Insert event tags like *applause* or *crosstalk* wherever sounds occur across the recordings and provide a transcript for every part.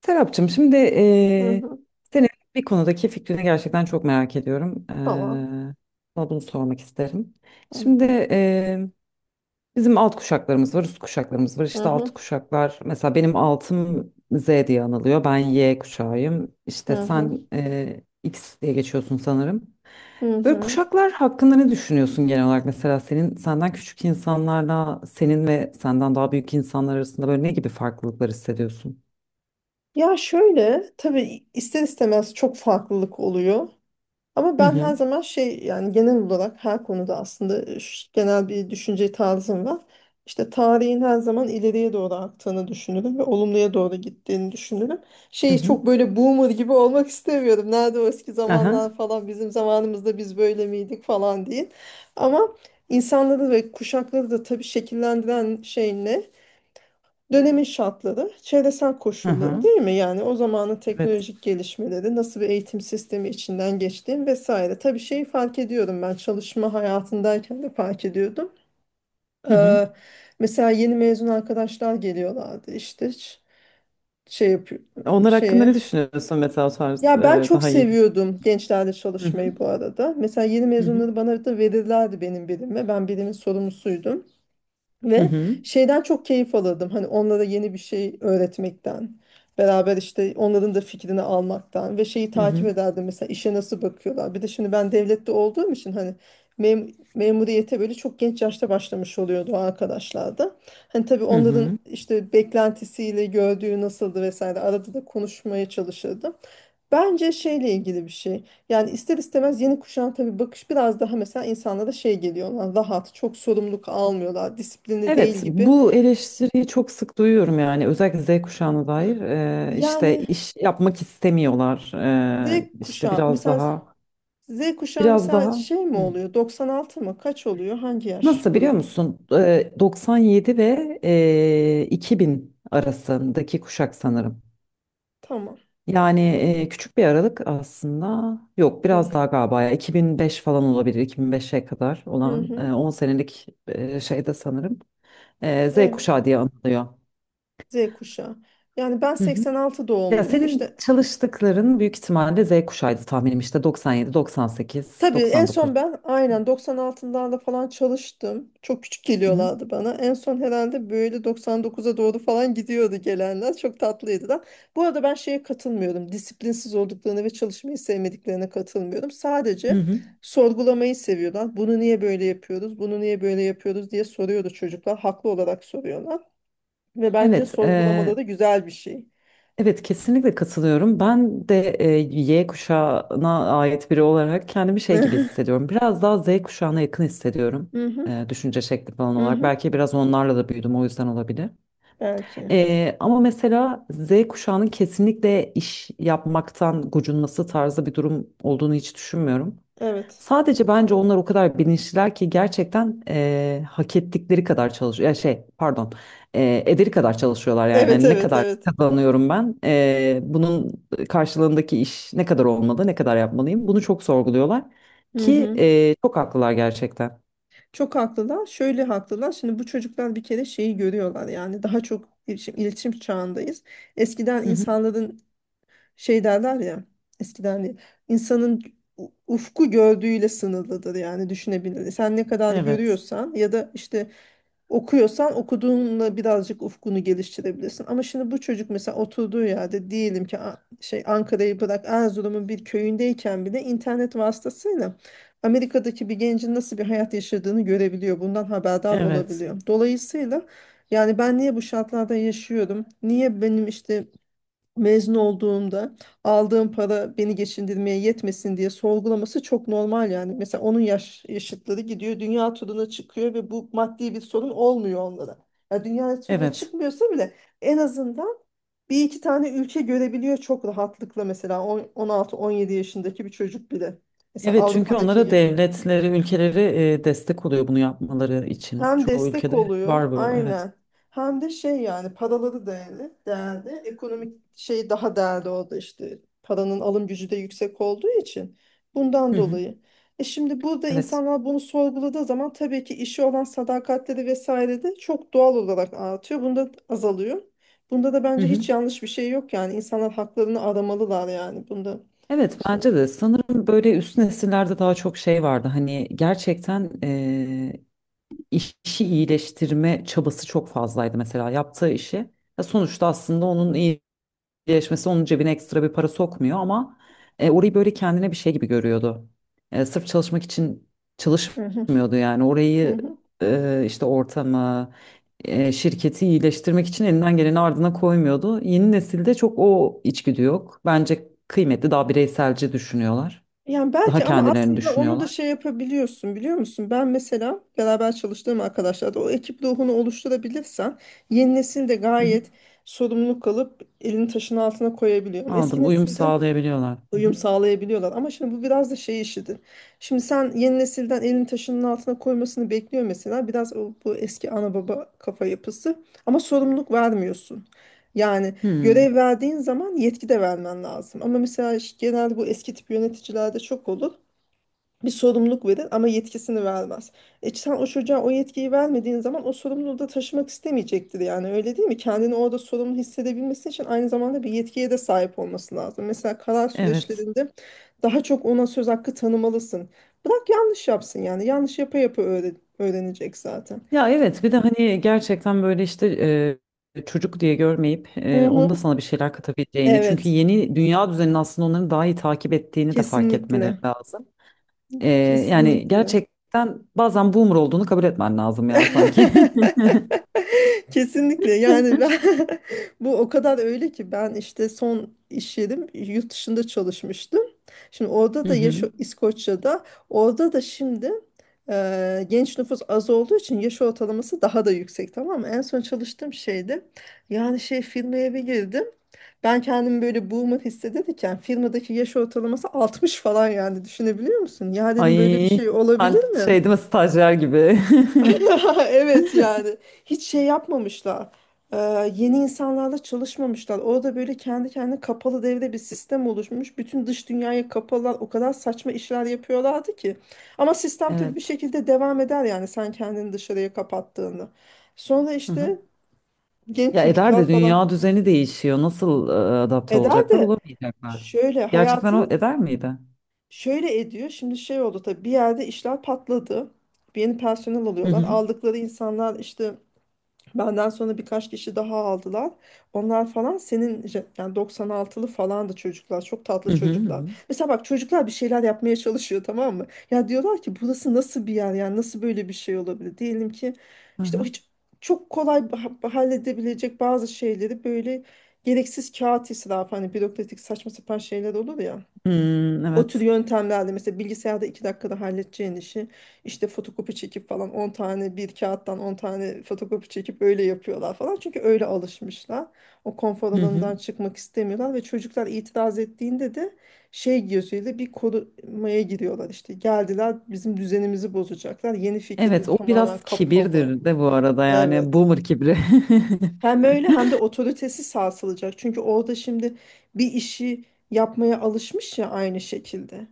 Serapcığım, şimdi Hı hı. senin bir konudaki fikrini gerçekten çok merak ediyorum. Tamam. Sana bunu sormak isterim. Hı Şimdi hı. Bizim alt kuşaklarımız var, üst kuşaklarımız var. Hı İşte alt hı. kuşaklar, mesela benim altım Z diye anılıyor. Ben Y kuşağıyım. Hı İşte hı. sen X diye geçiyorsun sanırım. Hı Böyle hı. kuşaklar hakkında ne düşünüyorsun genel olarak? Mesela senin senden küçük insanlarla senin ve senden daha büyük insanlar arasında böyle ne gibi farklılıklar hissediyorsun? Ya şöyle tabii ister istemez çok farklılık oluyor. Ama Hı ben hı. her zaman şey yani genel olarak her konuda aslında genel bir düşünce tarzım var. İşte tarihin her zaman ileriye doğru aktığını düşünürüm ve olumluya doğru gittiğini düşünürüm. Hı Şey hı. çok böyle boomer gibi olmak istemiyorum. Nerede o eski zamanlar Aha. falan, bizim zamanımızda biz böyle miydik falan değil. Ama insanları ve kuşakları da tabii şekillendiren şey ne? Dönemin şartları, çevresel Hı koşulları hı. değil mi? Yani o zamanın Evet. teknolojik gelişmeleri, nasıl bir eğitim sistemi içinden geçtiğim vesaire. Tabii şeyi fark ediyorum, ben çalışma hayatındayken de fark ediyordum. Hı hı. Ee, mesela yeni mezun arkadaşlar geliyorlardı işte şey yapıyor Onlar hakkında şeye. ne düşünüyorsun mesela, o tarz Ya ben çok daha yeni? seviyordum gençlerle Hı hı. çalışmayı bu arada. Mesela yeni Hı hı. mezunları bana da verirlerdi, benim birime. Ben birimin sorumlusuydum. Hı Ve hı. şeyden çok keyif alırdım. Hani onlara yeni bir şey öğretmekten. Beraber işte onların da fikrini almaktan ve şeyi Hı takip hı. ederdim, mesela işe nasıl bakıyorlar. Bir de şimdi ben devlette olduğum için hani memuriyete böyle çok genç yaşta başlamış oluyordu o arkadaşlar da. Hani tabii Hı onların hı. işte beklentisiyle gördüğü nasıldı vesaire, arada da konuşmaya çalışırdım. Bence şeyle ilgili bir şey. Yani ister istemez yeni kuşağın tabii bakış biraz daha mesela insanlara şey geliyor. "Lan rahat, çok sorumluluk almıyorlar, disiplinli değil" Evet, gibi. bu eleştiriyi çok sık duyuyorum, yani özellikle Z kuşağına dair. İşte Yani iş yapmak istemiyorlar, Z işte kuşağı biraz mesela daha Z kuşağı biraz mesela daha şey mi Hı. oluyor? 96 mı? Kaç oluyor? Hangi yaş Nasıl, biliyor grubu? musun, 97 ve 2000 arasındaki kuşak sanırım. Tamam. Yani küçük bir aralık aslında. Yok, biraz Hı daha galiba, ya 2005 falan olabilir. 2005'e kadar hı. olan Hı. 10 senelik şeyde sanırım. Z Evet. kuşağı diye anılıyor. Z kuşağı. Yani ben Hı hı. 86 Ya doğumluyum. senin İşte çalıştıkların büyük ihtimalle Z kuşağıydı tahminim, işte 97, 98, tabii en 99. son ben aynen 96'larda falan çalıştım. Çok küçük Hı hı. geliyorlardı bana. En son herhalde böyle 99'a doğru falan gidiyordu gelenler. Çok tatlıydı da. Bu arada ben şeye katılmıyorum. Disiplinsiz olduklarına ve çalışmayı sevmediklerine katılmıyorum. Hı Sadece hı. sorgulamayı seviyorlar. Bunu niye böyle yapıyoruz? Bunu niye böyle yapıyoruz diye soruyordu çocuklar. Haklı olarak soruyorlar. Ve bence Evet, e, sorgulamaları güzel bir şey. Evet, kesinlikle katılıyorum. Ben de Y kuşağına ait biri olarak kendimi *laughs* şey gibi Hı hissediyorum. Biraz daha Z kuşağına yakın hissediyorum. hı, hı Düşünce şekli falan hı, olarak. hı hı. Belki biraz onlarla da büyüdüm, o yüzden olabilir. Belki. Ama mesela Z kuşağının kesinlikle iş yapmaktan gocunması tarzı bir durum olduğunu hiç düşünmüyorum. Evet. Sadece bence onlar o kadar bilinçliler ki gerçekten hak ettikleri kadar çalışıyor. Ya şey, pardon, ederi kadar çalışıyorlar yani. Evet, Hani ne evet, kadar evet. kazanıyorum ben, bunun karşılığındaki iş ne kadar olmalı, ne kadar yapmalıyım, bunu çok sorguluyorlar Hı ki hı. Çok haklılar gerçekten. Çok haklılar. Şöyle haklılar. Şimdi bu çocuklar bir kere şeyi görüyorlar. Yani daha çok iletişim çağındayız. Eskiden Hı hı. insanların şey derler ya. Eskiden değil, insanın ufku gördüğüyle sınırlıdır, yani düşünebilir. Sen ne kadar Evet, görüyorsan ya da işte okuyorsan okuduğunla birazcık ufkunu geliştirebilirsin. Ama şimdi bu çocuk mesela oturduğu yerde diyelim ki şey Ankara'yı bırak, Erzurum'un bir köyündeyken bile internet vasıtasıyla Amerika'daki bir gencin nasıl bir hayat yaşadığını görebiliyor. Bundan haberdar evet, olabiliyor. Dolayısıyla yani ben niye bu şartlarda yaşıyorum? Niye benim işte mezun olduğumda aldığım para beni geçindirmeye yetmesin diye sorgulaması çok normal yani. Mesela onun yaşıtları gidiyor dünya turuna çıkıyor ve bu maddi bir sorun olmuyor onlara. Ya dünya turuna evet. çıkmıyorsa bile en azından bir iki tane ülke görebiliyor çok rahatlıkla, mesela 16-17 yaşındaki bir çocuk bile. Mesela Evet, çünkü Avrupa'daki onlara yaş devletleri, ülkeleri destek oluyor bunu yapmaları için. Hem Çoğu destek ülkede oluyor var bu, evet. aynen. Hem de şey, yani paraları değerli, değerli. Ekonomik şey daha değerli orada işte. Paranın alım gücü de yüksek olduğu için. Bundan Hı hı. dolayı. E şimdi burada Evet. insanlar bunu sorguladığı zaman tabii ki işi olan sadakatleri vesaire de çok doğal olarak artıyor. Bunda azalıyor. Bunda da Hı bence hiç hı. yanlış bir şey yok yani. İnsanlar haklarını aramalılar yani. Bunda Evet, şey. bence de sanırım böyle üst nesillerde daha çok şey vardı. Hani gerçekten işi iyileştirme çabası çok fazlaydı, mesela yaptığı işi. Ya sonuçta aslında onun birleşmesi onun cebine ekstra bir para sokmuyor ama orayı böyle kendine bir şey gibi görüyordu. Sırf çalışmak için Hı hı. çalışmıyordu yani, Hı orayı hı. İşte ortamı, şirketi iyileştirmek için elinden geleni ardına koymuyordu. Yeni nesilde çok o içgüdü yok. Bence kıymetli, daha bireyselci düşünüyorlar. Yani Daha belki, ama kendilerini aslında onu da düşünüyorlar. şey yapabiliyorsun biliyor musun? Ben mesela beraber çalıştığım arkadaşlar da, o ekip ruhunu oluşturabilirsen yeni nesil de Hı hı. gayet sorumluluk alıp elini taşın altına koyabiliyor. Ama eski Aldım, uyum nesilde sağlayabiliyorlar. Hı uyum hı. sağlayabiliyorlar. Ama şimdi bu biraz da şey işidir. Şimdi sen yeni nesilden elin taşının altına koymasını bekliyor mesela. Biraz bu eski ana baba kafa yapısı. Ama sorumluluk vermiyorsun. Yani görev Hmm, verdiğin zaman yetki de vermen lazım. Ama mesela işte genelde bu eski tip yöneticilerde çok olur, bir sorumluluk verir ama yetkisini vermez. E sen o çocuğa o yetkiyi vermediğin zaman o sorumluluğu da taşımak istemeyecektir, yani öyle değil mi? Kendini orada sorumlu hissedebilmesi için aynı zamanda bir yetkiye de sahip olması lazım. Mesela karar evet. süreçlerinde daha çok ona söz hakkı tanımalısın. Bırak yanlış yapsın, yani yanlış yapa yapa öğrenecek zaten. Ya evet, bir de hani gerçekten böyle işte çocuk diye görmeyip Hı onun da hı. sana bir şeyler katabileceğini, çünkü Evet, yeni dünya düzenini aslında onların daha iyi takip ettiğini de fark etmeleri kesinlikle lazım. E, Yani kesinlikle. gerçekten bazen boomer olduğunu kabul etmen lazım *laughs* ya, sanki. *laughs* Kesinlikle yani, ben *laughs* bu o kadar öyle ki, ben işte son iş yerim yurt dışında çalışmıştım. Şimdi orada Hı da hı. İskoçya'da, orada da şimdi genç nüfus az olduğu için yaş ortalaması daha da yüksek, tamam mı? En son çalıştığım şeydi, yani şey firmaya bir girdim. Ben kendimi böyle boomer hissedilirken firmadaki yaş ortalaması 60 falan, yani düşünebiliyor musun? Ya dedim, böyle bir Ay, şey ben olabilir mi? şey değil mi, stajyer gibi. *laughs* *laughs* Evet yani hiç şey yapmamışlar. Ee, yeni insanlarla çalışmamışlar. Orada böyle kendi kendine kapalı devre bir sistem oluşmuş. Bütün dış dünyaya kapalı. O kadar saçma işler yapıyorlardı ki. Ama sistem tabii bir Evet. şekilde devam eder, yani sen kendini dışarıya kapattığında. Sonra Hı hı. işte genç Ya eder çocuklar de, falan dünya düzeni değişiyor. Nasıl adapte eder olacaklar, de, olamayacaklar. şöyle Gerçekten o hayatı eder miydi? şöyle ediyor. Şimdi şey oldu tabii, bir yerde işler patladı. Bir yeni personel Hı alıyorlar. hı. Aldıkları insanlar işte. Benden sonra birkaç kişi daha aldılar. Onlar falan senin yani 96'lı falandı çocuklar. Çok tatlı Hı hı. çocuklar. Mesela bak çocuklar bir şeyler yapmaya çalışıyor, tamam mı? Ya diyorlar ki burası nasıl bir yer? Yani nasıl böyle bir şey olabilir? Diyelim ki Hı işte o hı. hiç, çok kolay halledebilecek bazı şeyleri böyle gereksiz kağıt israfı, hani bürokratik saçma sapan şeyler olur ya. Hmm, O tür evet. yöntemlerle mesela bilgisayarda 2 dakikada halledeceğin işi işte fotokopi çekip falan, 10 tane bir kağıttan 10 tane fotokopi çekip öyle yapıyorlar falan. Çünkü öyle alışmışlar. O konfor Hı hı. alanından çıkmak istemiyorlar ve çocuklar itiraz ettiğinde de şey gözüyle, bir korumaya giriyorlar işte. Geldiler, bizim düzenimizi bozacaklar. Yeni Evet, fikirleri o biraz tamamen kapalı. kibirdir de bu arada, yani Evet. boomer kibri. *laughs* Hem öyle hem de otoritesi sarsılacak. Çünkü orada şimdi bir işi yapmaya alışmış ya aynı şekilde.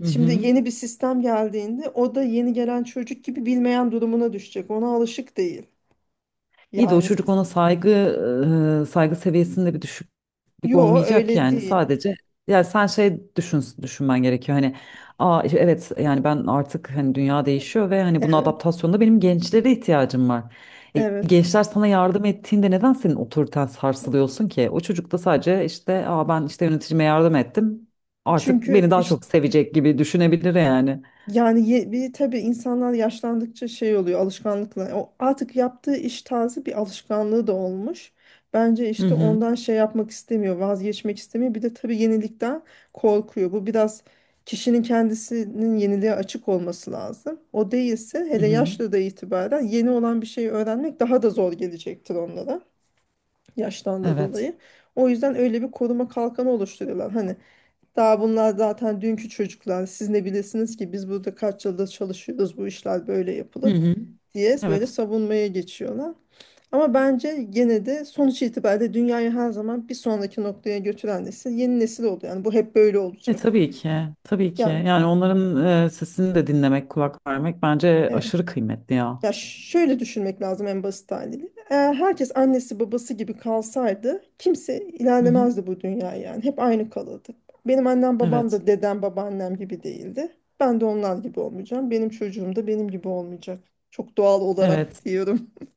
Hı Şimdi hı. yeni bir sistem geldiğinde o da yeni gelen çocuk gibi bilmeyen durumuna düşecek. Ona alışık değil. İyi de o Yani çocuk ona saygı, saygı seviyesinde bir düşüklük yo olmayacak öyle yani, değil. sadece yani sen şey düşün, düşünmen gerekiyor hani, aa işte evet, yani ben artık hani dünya değişiyor ve hani buna adaptasyonda benim gençlere ihtiyacım var. Evet. Gençler sana yardım ettiğinde neden senin otoriten sarsılıyorsun ki? O çocuk da sadece işte, aa ben işte yöneticime yardım ettim, artık Çünkü beni daha işte çok sevecek gibi düşünebilir yani. yani bir tabii insanlar yaşlandıkça şey oluyor, alışkanlıkla. O artık yaptığı iş tarzı bir alışkanlığı da olmuş. Bence Hı işte hı. ondan şey yapmak istemiyor, vazgeçmek istemiyor. Bir de tabii yenilikten korkuyor. Bu biraz kişinin kendisinin yeniliğe açık olması lazım. O değilse, Hı hele hı. yaşlı da itibaren yeni olan bir şeyi öğrenmek daha da zor gelecektir onlara, yaştan da Evet. dolayı. O yüzden öyle bir koruma kalkanı oluşturuyorlar. Hani daha bunlar zaten dünkü çocuklar. Siz ne bilesiniz ki, biz burada kaç yıldır çalışıyoruz, bu işler böyle Hı yapılır hı. diye böyle Evet. savunmaya geçiyorlar. Ama bence gene de sonuç itibariyle dünyayı her zaman bir sonraki noktaya götüren nesil yeni nesil oldu. Yani bu hep böyle E olacak. tabii ki, tabii ki. Yani Yani onların sesini de dinlemek, kulak vermek bence e, aşırı kıymetli ya. ya şöyle düşünmek lazım en basit haliyle. Eğer herkes annesi babası gibi kalsaydı kimse Hı hı. ilerlemezdi bu dünya yani. Hep aynı kalırdı. Benim annem babam Evet, da dedem babaannem gibi değildi. Ben de onlar gibi olmayacağım. Benim çocuğum da benim gibi olmayacak. Çok doğal evet, olarak diyorum. *laughs*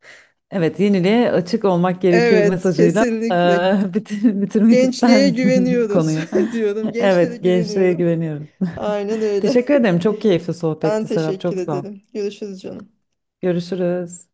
evet. Yeniliğe açık olmak gerekir Evet, mesajıyla kesinlikle. *laughs* Bitirmek ister Gençliğe misin *laughs* güveniyoruz konuyu? *laughs* diyorum. Gençlere Evet, gençliğe güveniyorum. güveniyorum. Aynen *laughs* öyle. Teşekkür ederim. *laughs* Çok keyifli Ben sohbetti, Serap. teşekkür Çok sağ ol. ederim. Görüşürüz canım. Görüşürüz.